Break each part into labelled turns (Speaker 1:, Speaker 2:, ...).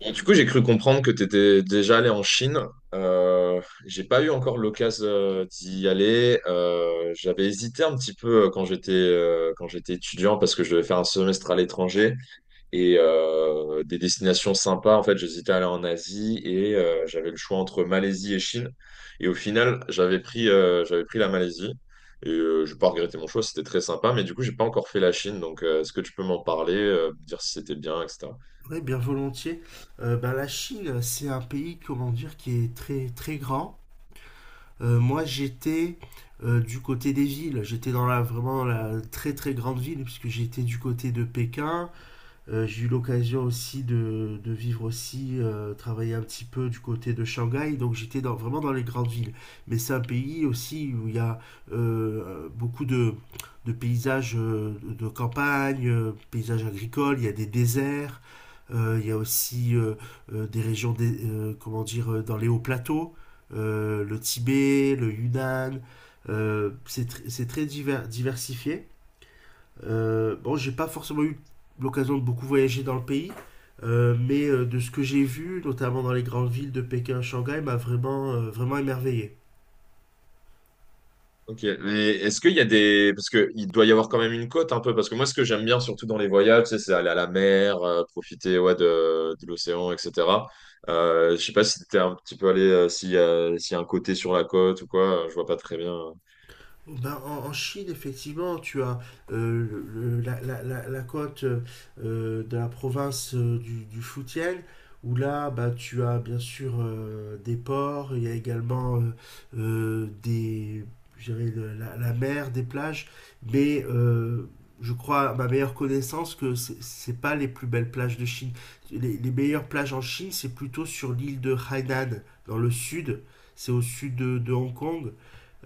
Speaker 1: Et du coup, j'ai cru comprendre que tu étais déjà allé en Chine. Euh, j'ai pas eu encore l'occasion d'y aller. J'avais hésité un petit peu quand j'étais étudiant parce que je devais faire un semestre à l'étranger et des destinations sympas. En fait, j'hésitais à aller en Asie et j'avais le choix entre Malaisie et Chine. Et au final, j'avais pris la Malaisie et j'ai pas regretté mon choix. C'était très sympa, mais du coup, j'ai pas encore fait la Chine. Donc, est-ce que tu peux m'en parler, me dire si c'était bien, etc.
Speaker 2: Oui, bien volontiers. La Chine, c'est un pays, comment dire, qui est très très grand. Moi, j'étais du côté des villes. J'étais dans la très très grande ville puisque j'étais du côté de Pékin. J'ai eu l'occasion aussi de vivre aussi, travailler un petit peu du côté de Shanghai, donc j'étais vraiment dans les grandes villes. Mais c'est un pays aussi où il y a beaucoup de paysages de campagne, paysages agricoles, il y a des déserts, il y a aussi des régions, des comment dire, dans les hauts plateaux, le Tibet, le Yunnan, c'est c'est très diversifié. Bon, j'ai pas forcément eu l'occasion de beaucoup voyager dans le pays, mais de ce que j'ai vu, notamment dans les grandes villes de Pékin, Shanghai, m'a vraiment, vraiment émerveillé.
Speaker 1: Ok, mais est-ce qu'il y a Parce que il doit y avoir quand même une côte un peu, parce que moi ce que j'aime bien surtout dans les voyages, tu sais, c'est aller à la mer, profiter ouais, de l'océan, etc. Je sais pas si t'es un petit peu allé, s'il y a un côté sur la côte ou quoi, je vois pas très bien.
Speaker 2: Ben, en Chine, effectivement, tu as euh, la côte de la province du Fujian, où là, bah, tu as bien sûr des ports, il y a également euh, des, je dirais, la mer, des plages, mais je crois, à ma meilleure connaissance, que c'est pas les plus belles plages de Chine. Les meilleures plages en Chine, c'est plutôt sur l'île de Hainan, dans le sud, c'est au sud de Hong Kong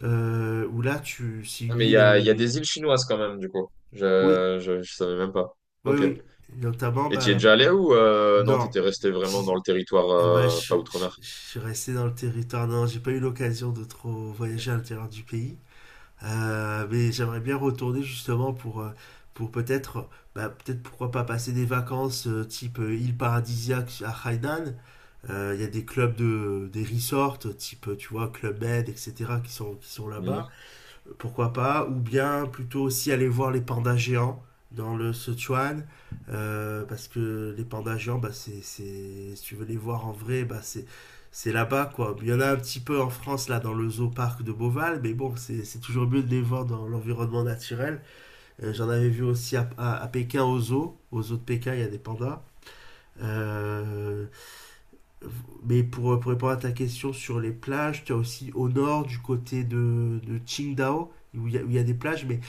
Speaker 2: euh, où là, c'est
Speaker 1: Ah,
Speaker 2: une
Speaker 1: mais
Speaker 2: île.
Speaker 1: il y a des îles chinoises quand même, du coup.
Speaker 2: Oui,
Speaker 1: Je savais même pas.
Speaker 2: oui,
Speaker 1: Ok.
Speaker 2: oui. Notamment,
Speaker 1: Et
Speaker 2: bah
Speaker 1: tu es
Speaker 2: là.
Speaker 1: déjà allé ou non,
Speaker 2: Non.
Speaker 1: t'étais resté vraiment dans
Speaker 2: j-
Speaker 1: le territoire
Speaker 2: Ouais,
Speaker 1: pas outre-mer?
Speaker 2: je suis resté dans le territoire. Non, j'ai pas eu l'occasion de trop
Speaker 1: Ok.
Speaker 2: voyager à l'intérieur du pays. Mais j'aimerais bien retourner justement pour bah, peut-être, pourquoi pas passer des vacances type île paradisiaque à Hainan. Il y a des clubs des resorts, type, tu vois, Club Med, etc., qui sont là-bas.
Speaker 1: Mhm.
Speaker 2: Pourquoi pas, ou bien plutôt aussi aller voir les pandas géants dans le Sichuan, parce que les pandas géants, bah, c'est, si tu veux les voir en vrai, bah, c'est là-bas quoi. Il y en a un petit peu en France là dans le zoo parc de Beauval, mais bon, c'est toujours mieux de les voir dans l'environnement naturel. J'en avais vu aussi à Pékin au zoo de Pékin, il y a des pandas. Euh, mais pour répondre à ta question sur les plages, tu as aussi au nord du côté de Qingdao, où il y a des plages, mais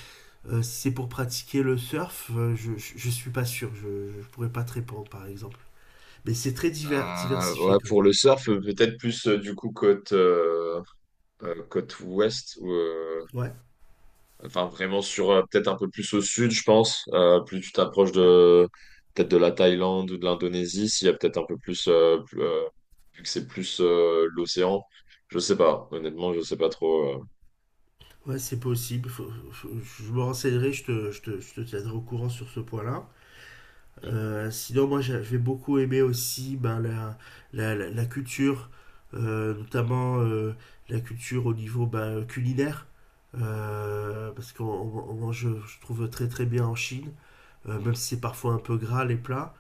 Speaker 2: si c'est pour pratiquer le surf, je suis pas sûr. Je pourrais pas te répondre, par exemple. Mais c'est très diversifié
Speaker 1: Ouais,
Speaker 2: quand
Speaker 1: pour
Speaker 2: même.
Speaker 1: le surf, peut-être plus du coup côte, côte ouest, ou,
Speaker 2: Ouais,
Speaker 1: enfin vraiment sur peut-être un peu plus au sud, je pense. Plus tu t'approches de peut-être de la Thaïlande ou de l'Indonésie, s'il y a peut-être un peu plus, plus, vu que c'est plus l'océan, je sais pas. Honnêtement, je sais pas trop.
Speaker 2: ouais, c'est possible. Je me renseignerai, je te tiendrai au courant sur ce point-là. Sinon, moi, j'ai beaucoup aimé aussi ben, la culture, notamment la culture au niveau ben, culinaire. Parce qu'on on mange, je trouve, très très bien en Chine, même si c'est parfois un peu gras les plats.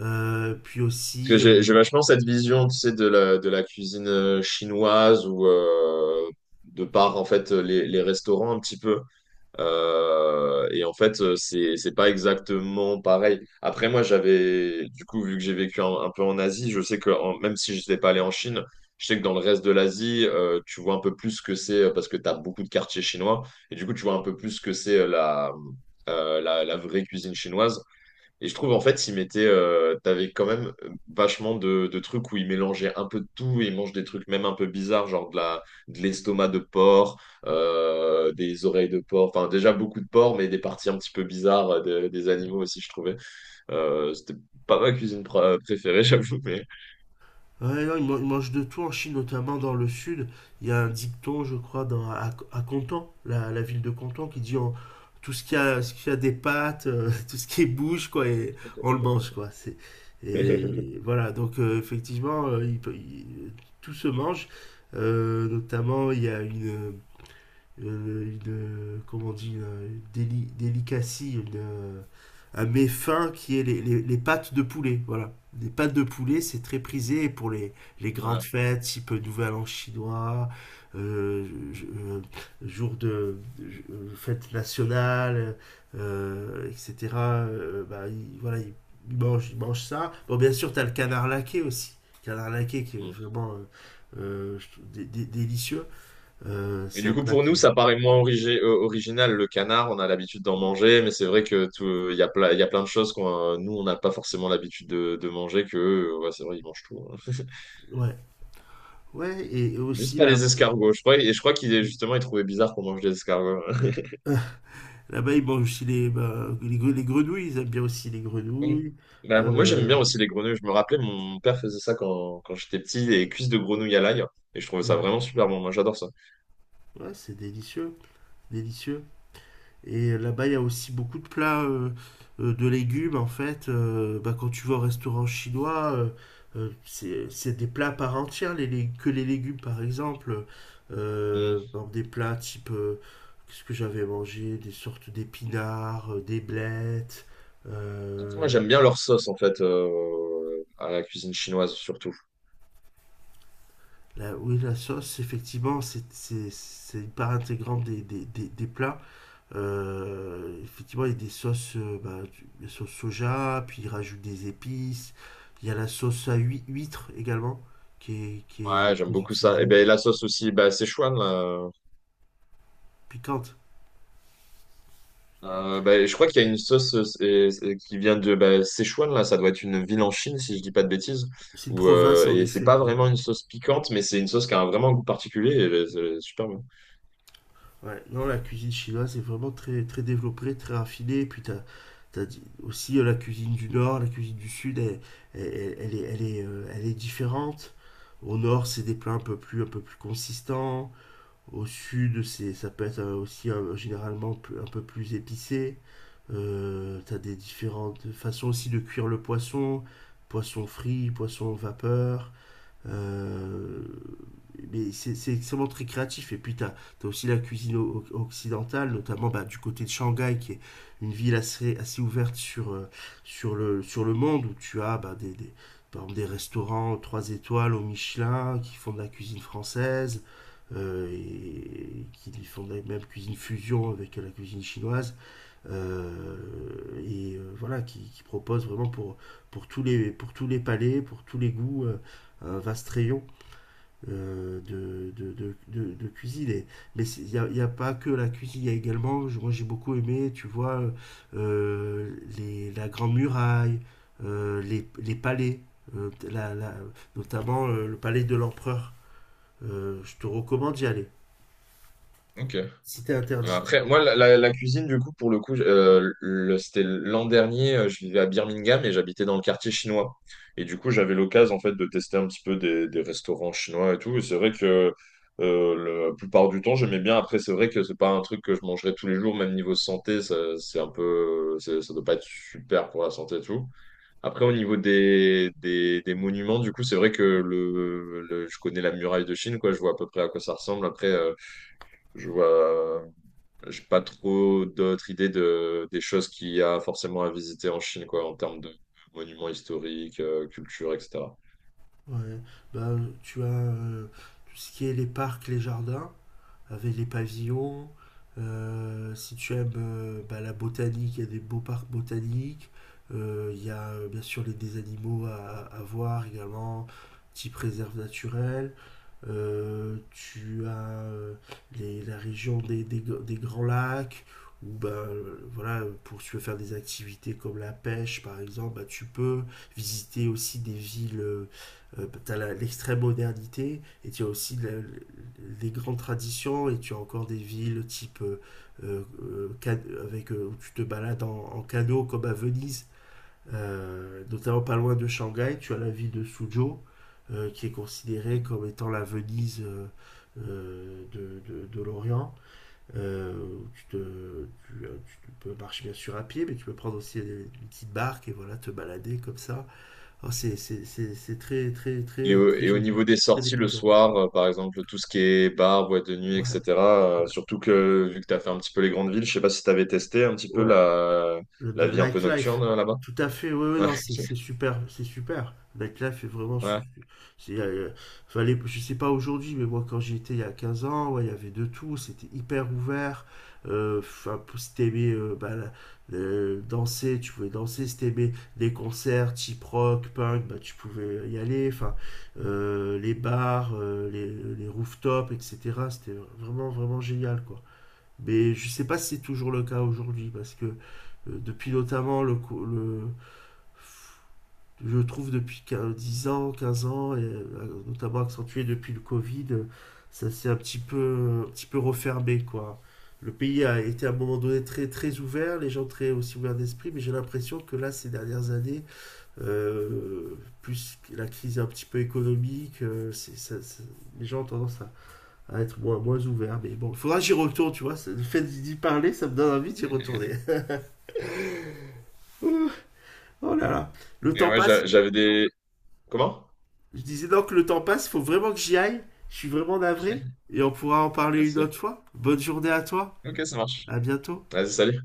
Speaker 2: Puis
Speaker 1: Parce que
Speaker 2: aussi,
Speaker 1: j'ai vachement cette vision, tu sais, de la cuisine chinoise ou de par en fait les restaurants un petit peu. Et en fait, c'est pas exactement pareil. Après, moi, j'avais, du coup, vu que j'ai vécu un peu en Asie, je sais même si je n'étais pas allé en Chine, je sais que dans le reste de l'Asie, tu vois un peu plus ce que c'est parce que tu as beaucoup de quartiers chinois. Et du coup, tu vois un peu plus ce que c'est la vraie cuisine chinoise. Et je trouve en fait, il mettait, t'avais quand même vachement de trucs où il mélangeait un peu de tout, il mange des trucs même un peu bizarres, genre de l'estomac de porc, des oreilles de porc, enfin déjà beaucoup de porc, mais des parties un petit peu bizarres des animaux aussi, je trouvais. C'était pas ma cuisine préférée, j'avoue, mais.
Speaker 2: ouais, non, ils mangent de tout en Chine, notamment dans le sud. Il y a un dicton, je crois, à Canton, la ville de Canton, qui dit tout ce qui a des pattes, tout ce qui bouge, quoi, et on le mange, quoi. Et voilà, donc effectivement, tout se mange. Notamment, il y a une, comment on dit, une délicatie, un méfin qui est les pâtes de poulet. Voilà. Les pâtes de poulet, c'est très prisé pour les grandes
Speaker 1: Ouais.
Speaker 2: fêtes, type Nouvel An chinois, euh, je- euh, jour de fête nationale, etc. Bah, voilà, il mange ça. Bon, bien sûr, tu as le canard laqué aussi. Canard laqué qui est vraiment je trouve délicieux.
Speaker 1: Et
Speaker 2: C'est
Speaker 1: du
Speaker 2: un
Speaker 1: coup,
Speaker 2: plat
Speaker 1: pour
Speaker 2: qui
Speaker 1: nous,
Speaker 2: est.
Speaker 1: ça paraît moins original. Le canard, on a l'habitude d'en manger, mais c'est vrai que tout, il y a plein de choses qu'on, nous, on n'a pas forcément l'habitude de manger que, eux, ouais, c'est vrai, ils mangent tout, hein.
Speaker 2: Ouais. Ouais, et
Speaker 1: Juste
Speaker 2: aussi
Speaker 1: pas
Speaker 2: là,
Speaker 1: les escargots. Je crois, et je crois qu'il est justement, il trouvait bizarre qu'on mange des escargots.
Speaker 2: là-bas, ils mangent aussi bah, les grenouilles, ils aiment bien aussi les
Speaker 1: Oui.
Speaker 2: grenouilles.
Speaker 1: Bah, moi, j'aime bien
Speaker 2: Euh,
Speaker 1: aussi les grenouilles. Je me rappelais, mon père faisait ça quand j'étais petit, les cuisses de grenouille à l'ail. Et je trouvais ça
Speaker 2: ouais,
Speaker 1: vraiment super bon. Moi, j'adore ça.
Speaker 2: ouais, c'est délicieux, délicieux. Et là-bas, il y a aussi beaucoup de plats de légumes, en fait. Bah, quand tu vas au restaurant chinois, c'est des plats à part entière, que les légumes, par exemple.
Speaker 1: Mm.
Speaker 2: Bon, des plats type, qu'est-ce que j'avais mangé? Des sortes d'épinards, des blettes.
Speaker 1: Moi,
Speaker 2: euh,
Speaker 1: j'aime bien leur sauce, en fait, à la cuisine chinoise, surtout.
Speaker 2: Oui, la sauce, effectivement, c'est une part intégrante des plats. Effectivement, il y a des sauces, bah, la sauce soja, puis il rajoute des épices. Il y a la sauce à huître également, qui est
Speaker 1: Ouais, j'aime
Speaker 2: très
Speaker 1: beaucoup ça. Et
Speaker 2: utilisée.
Speaker 1: ben la sauce aussi, bah, Szechuan, là.
Speaker 2: Piquante.
Speaker 1: Bah, je crois qu'il y a une sauce qui vient de bah, Sichuan, là. Ça doit être une ville en Chine, si je dis pas de bêtises.
Speaker 2: C'est une
Speaker 1: Ou
Speaker 2: province, en
Speaker 1: et c'est
Speaker 2: effet.
Speaker 1: pas
Speaker 2: Oui.
Speaker 1: vraiment une sauce piquante, mais c'est une sauce qui a vraiment un goût particulier. Et, c'est super bon.
Speaker 2: Ouais, non, la cuisine chinoise est vraiment très, très développée, très raffinée. Et puis, aussi la cuisine du Nord, la cuisine du Sud, elle est différente. Au Nord, c'est des plats un peu plus consistants. Au Sud, ça peut être aussi généralement un peu plus épicé. Tu as des différentes façons aussi de cuire le poisson, poisson frit, poisson vapeur. Euh, mais c'est extrêmement très créatif. Et puis, tu as aussi la cuisine occidentale, notamment bah, du côté de Shanghai, qui est une ville assez ouverte sur le monde, où tu as bah, par exemple, des restaurants 3 étoiles au Michelin qui font de la cuisine française. Et qui font de la même cuisine fusion avec la cuisine chinoise. Voilà, qui propose vraiment pour tous les palais, pour tous les goûts, un vaste rayon de cuisine. Mais il n'y a pas que la cuisine, il y a également, moi j'ai beaucoup aimé, tu vois, la Grande Muraille, palais, euh, la, la, notamment le palais de l'empereur. Je te recommande d'y aller,
Speaker 1: Ok.
Speaker 2: si t'es interdite.
Speaker 1: Après, moi, la cuisine, du coup, pour le coup, c'était l'an dernier, je vivais à Birmingham et j'habitais dans le quartier chinois. Et du coup, j'avais l'occasion, en fait, de tester un petit peu des restaurants chinois et tout. Et c'est vrai que la plupart du temps, j'aimais bien. Après, c'est vrai que c'est pas un truc que je mangerais tous les jours, même niveau santé, ça, c'est un peu, ça doit pas être super pour la santé et tout. Après, au niveau des monuments, du coup, c'est vrai que je connais la muraille de Chine, quoi. Je vois à peu près à quoi ça ressemble. Après, je vois. J'ai pas trop d'autres idées des choses qu'il y a forcément à visiter en Chine, quoi, en termes de monuments historiques, culture, etc.
Speaker 2: Ouais, ben, tu as tout ce qui est les parcs, les jardins, avec les pavillons. Si tu aimes bah, la botanique, il y a des beaux parcs botaniques. Il y a bien sûr des animaux à voir également, type réserve naturelle. Tu as la région des Grands Lacs, ou ben voilà pour si tu veux faire des activités comme la pêche par exemple ben, tu peux visiter aussi des villes. Tu as l'extrême modernité et tu as aussi les grandes traditions et tu as encore des villes type avec où tu te balades en canot comme à Venise, notamment pas loin de Shanghai, tu as la ville de Suzhou, qui est considérée comme étant la Venise de l'Orient. Euh, tu, te- tu, euh, Tu peux marcher bien sûr à pied, mais tu peux prendre aussi une petite barque et voilà, te balader comme ça. Alors c'est très, très,
Speaker 1: Et,
Speaker 2: très, très
Speaker 1: au
Speaker 2: joli,
Speaker 1: niveau des
Speaker 2: très
Speaker 1: sorties le
Speaker 2: dépaysant.
Speaker 1: soir, par exemple, tout ce qui est bar, boîte de nuit,
Speaker 2: Ouais,
Speaker 1: etc.
Speaker 2: ouais,
Speaker 1: Surtout que, vu que tu as fait un petit peu les grandes villes, je sais pas si tu avais testé un petit peu
Speaker 2: ouais. Le,
Speaker 1: la
Speaker 2: le
Speaker 1: vie un peu
Speaker 2: nightlife.
Speaker 1: nocturne là-bas.
Speaker 2: Tout à fait, oui, oui,
Speaker 1: Ouais,
Speaker 2: non, c'est super, c'est super. Le Nightlife est vraiment.
Speaker 1: ouais.
Speaker 2: C'est, euh, Fallait, je sais pas aujourd'hui, mais moi quand j'y étais il y a 15 ans, ouais, il y avait de tout, c'était hyper ouvert. Enfin, si t'aimais bah, danser, tu pouvais danser. Si t'aimais des concerts type rock, punk, bah, tu pouvais y aller. Enfin, les bars, les rooftops, etc. C'était vraiment, vraiment génial, quoi. Mais je sais pas si c'est toujours le cas aujourd'hui, parce que depuis notamment je trouve depuis 10 ans, 15 ans, notamment accentué depuis le Covid, ça s'est un petit peu refermé, quoi. Le pays a été à un moment donné très, très ouvert, les gens très aussi ouverts d'esprit, mais j'ai l'impression que là, ces dernières années, euh, plus la crise un petit peu économique, les gens ont tendance à être moins ouvert. Mais bon, il faudra que j'y retourne, tu vois. Le fait d'y parler, ça me donne envie d'y retourner. Oh là là. Le
Speaker 1: Et
Speaker 2: temps
Speaker 1: ouais,
Speaker 2: passe.
Speaker 1: j'avais des... Comment?
Speaker 2: Je disais donc que le temps passe, faut vraiment que j'y aille. Je suis vraiment navré. Et on pourra en
Speaker 1: Vas-y,
Speaker 2: parler une
Speaker 1: vas-y.
Speaker 2: autre fois. Bonne journée à toi.
Speaker 1: Ok, ça marche.
Speaker 2: À bientôt.
Speaker 1: Vas-y, salut.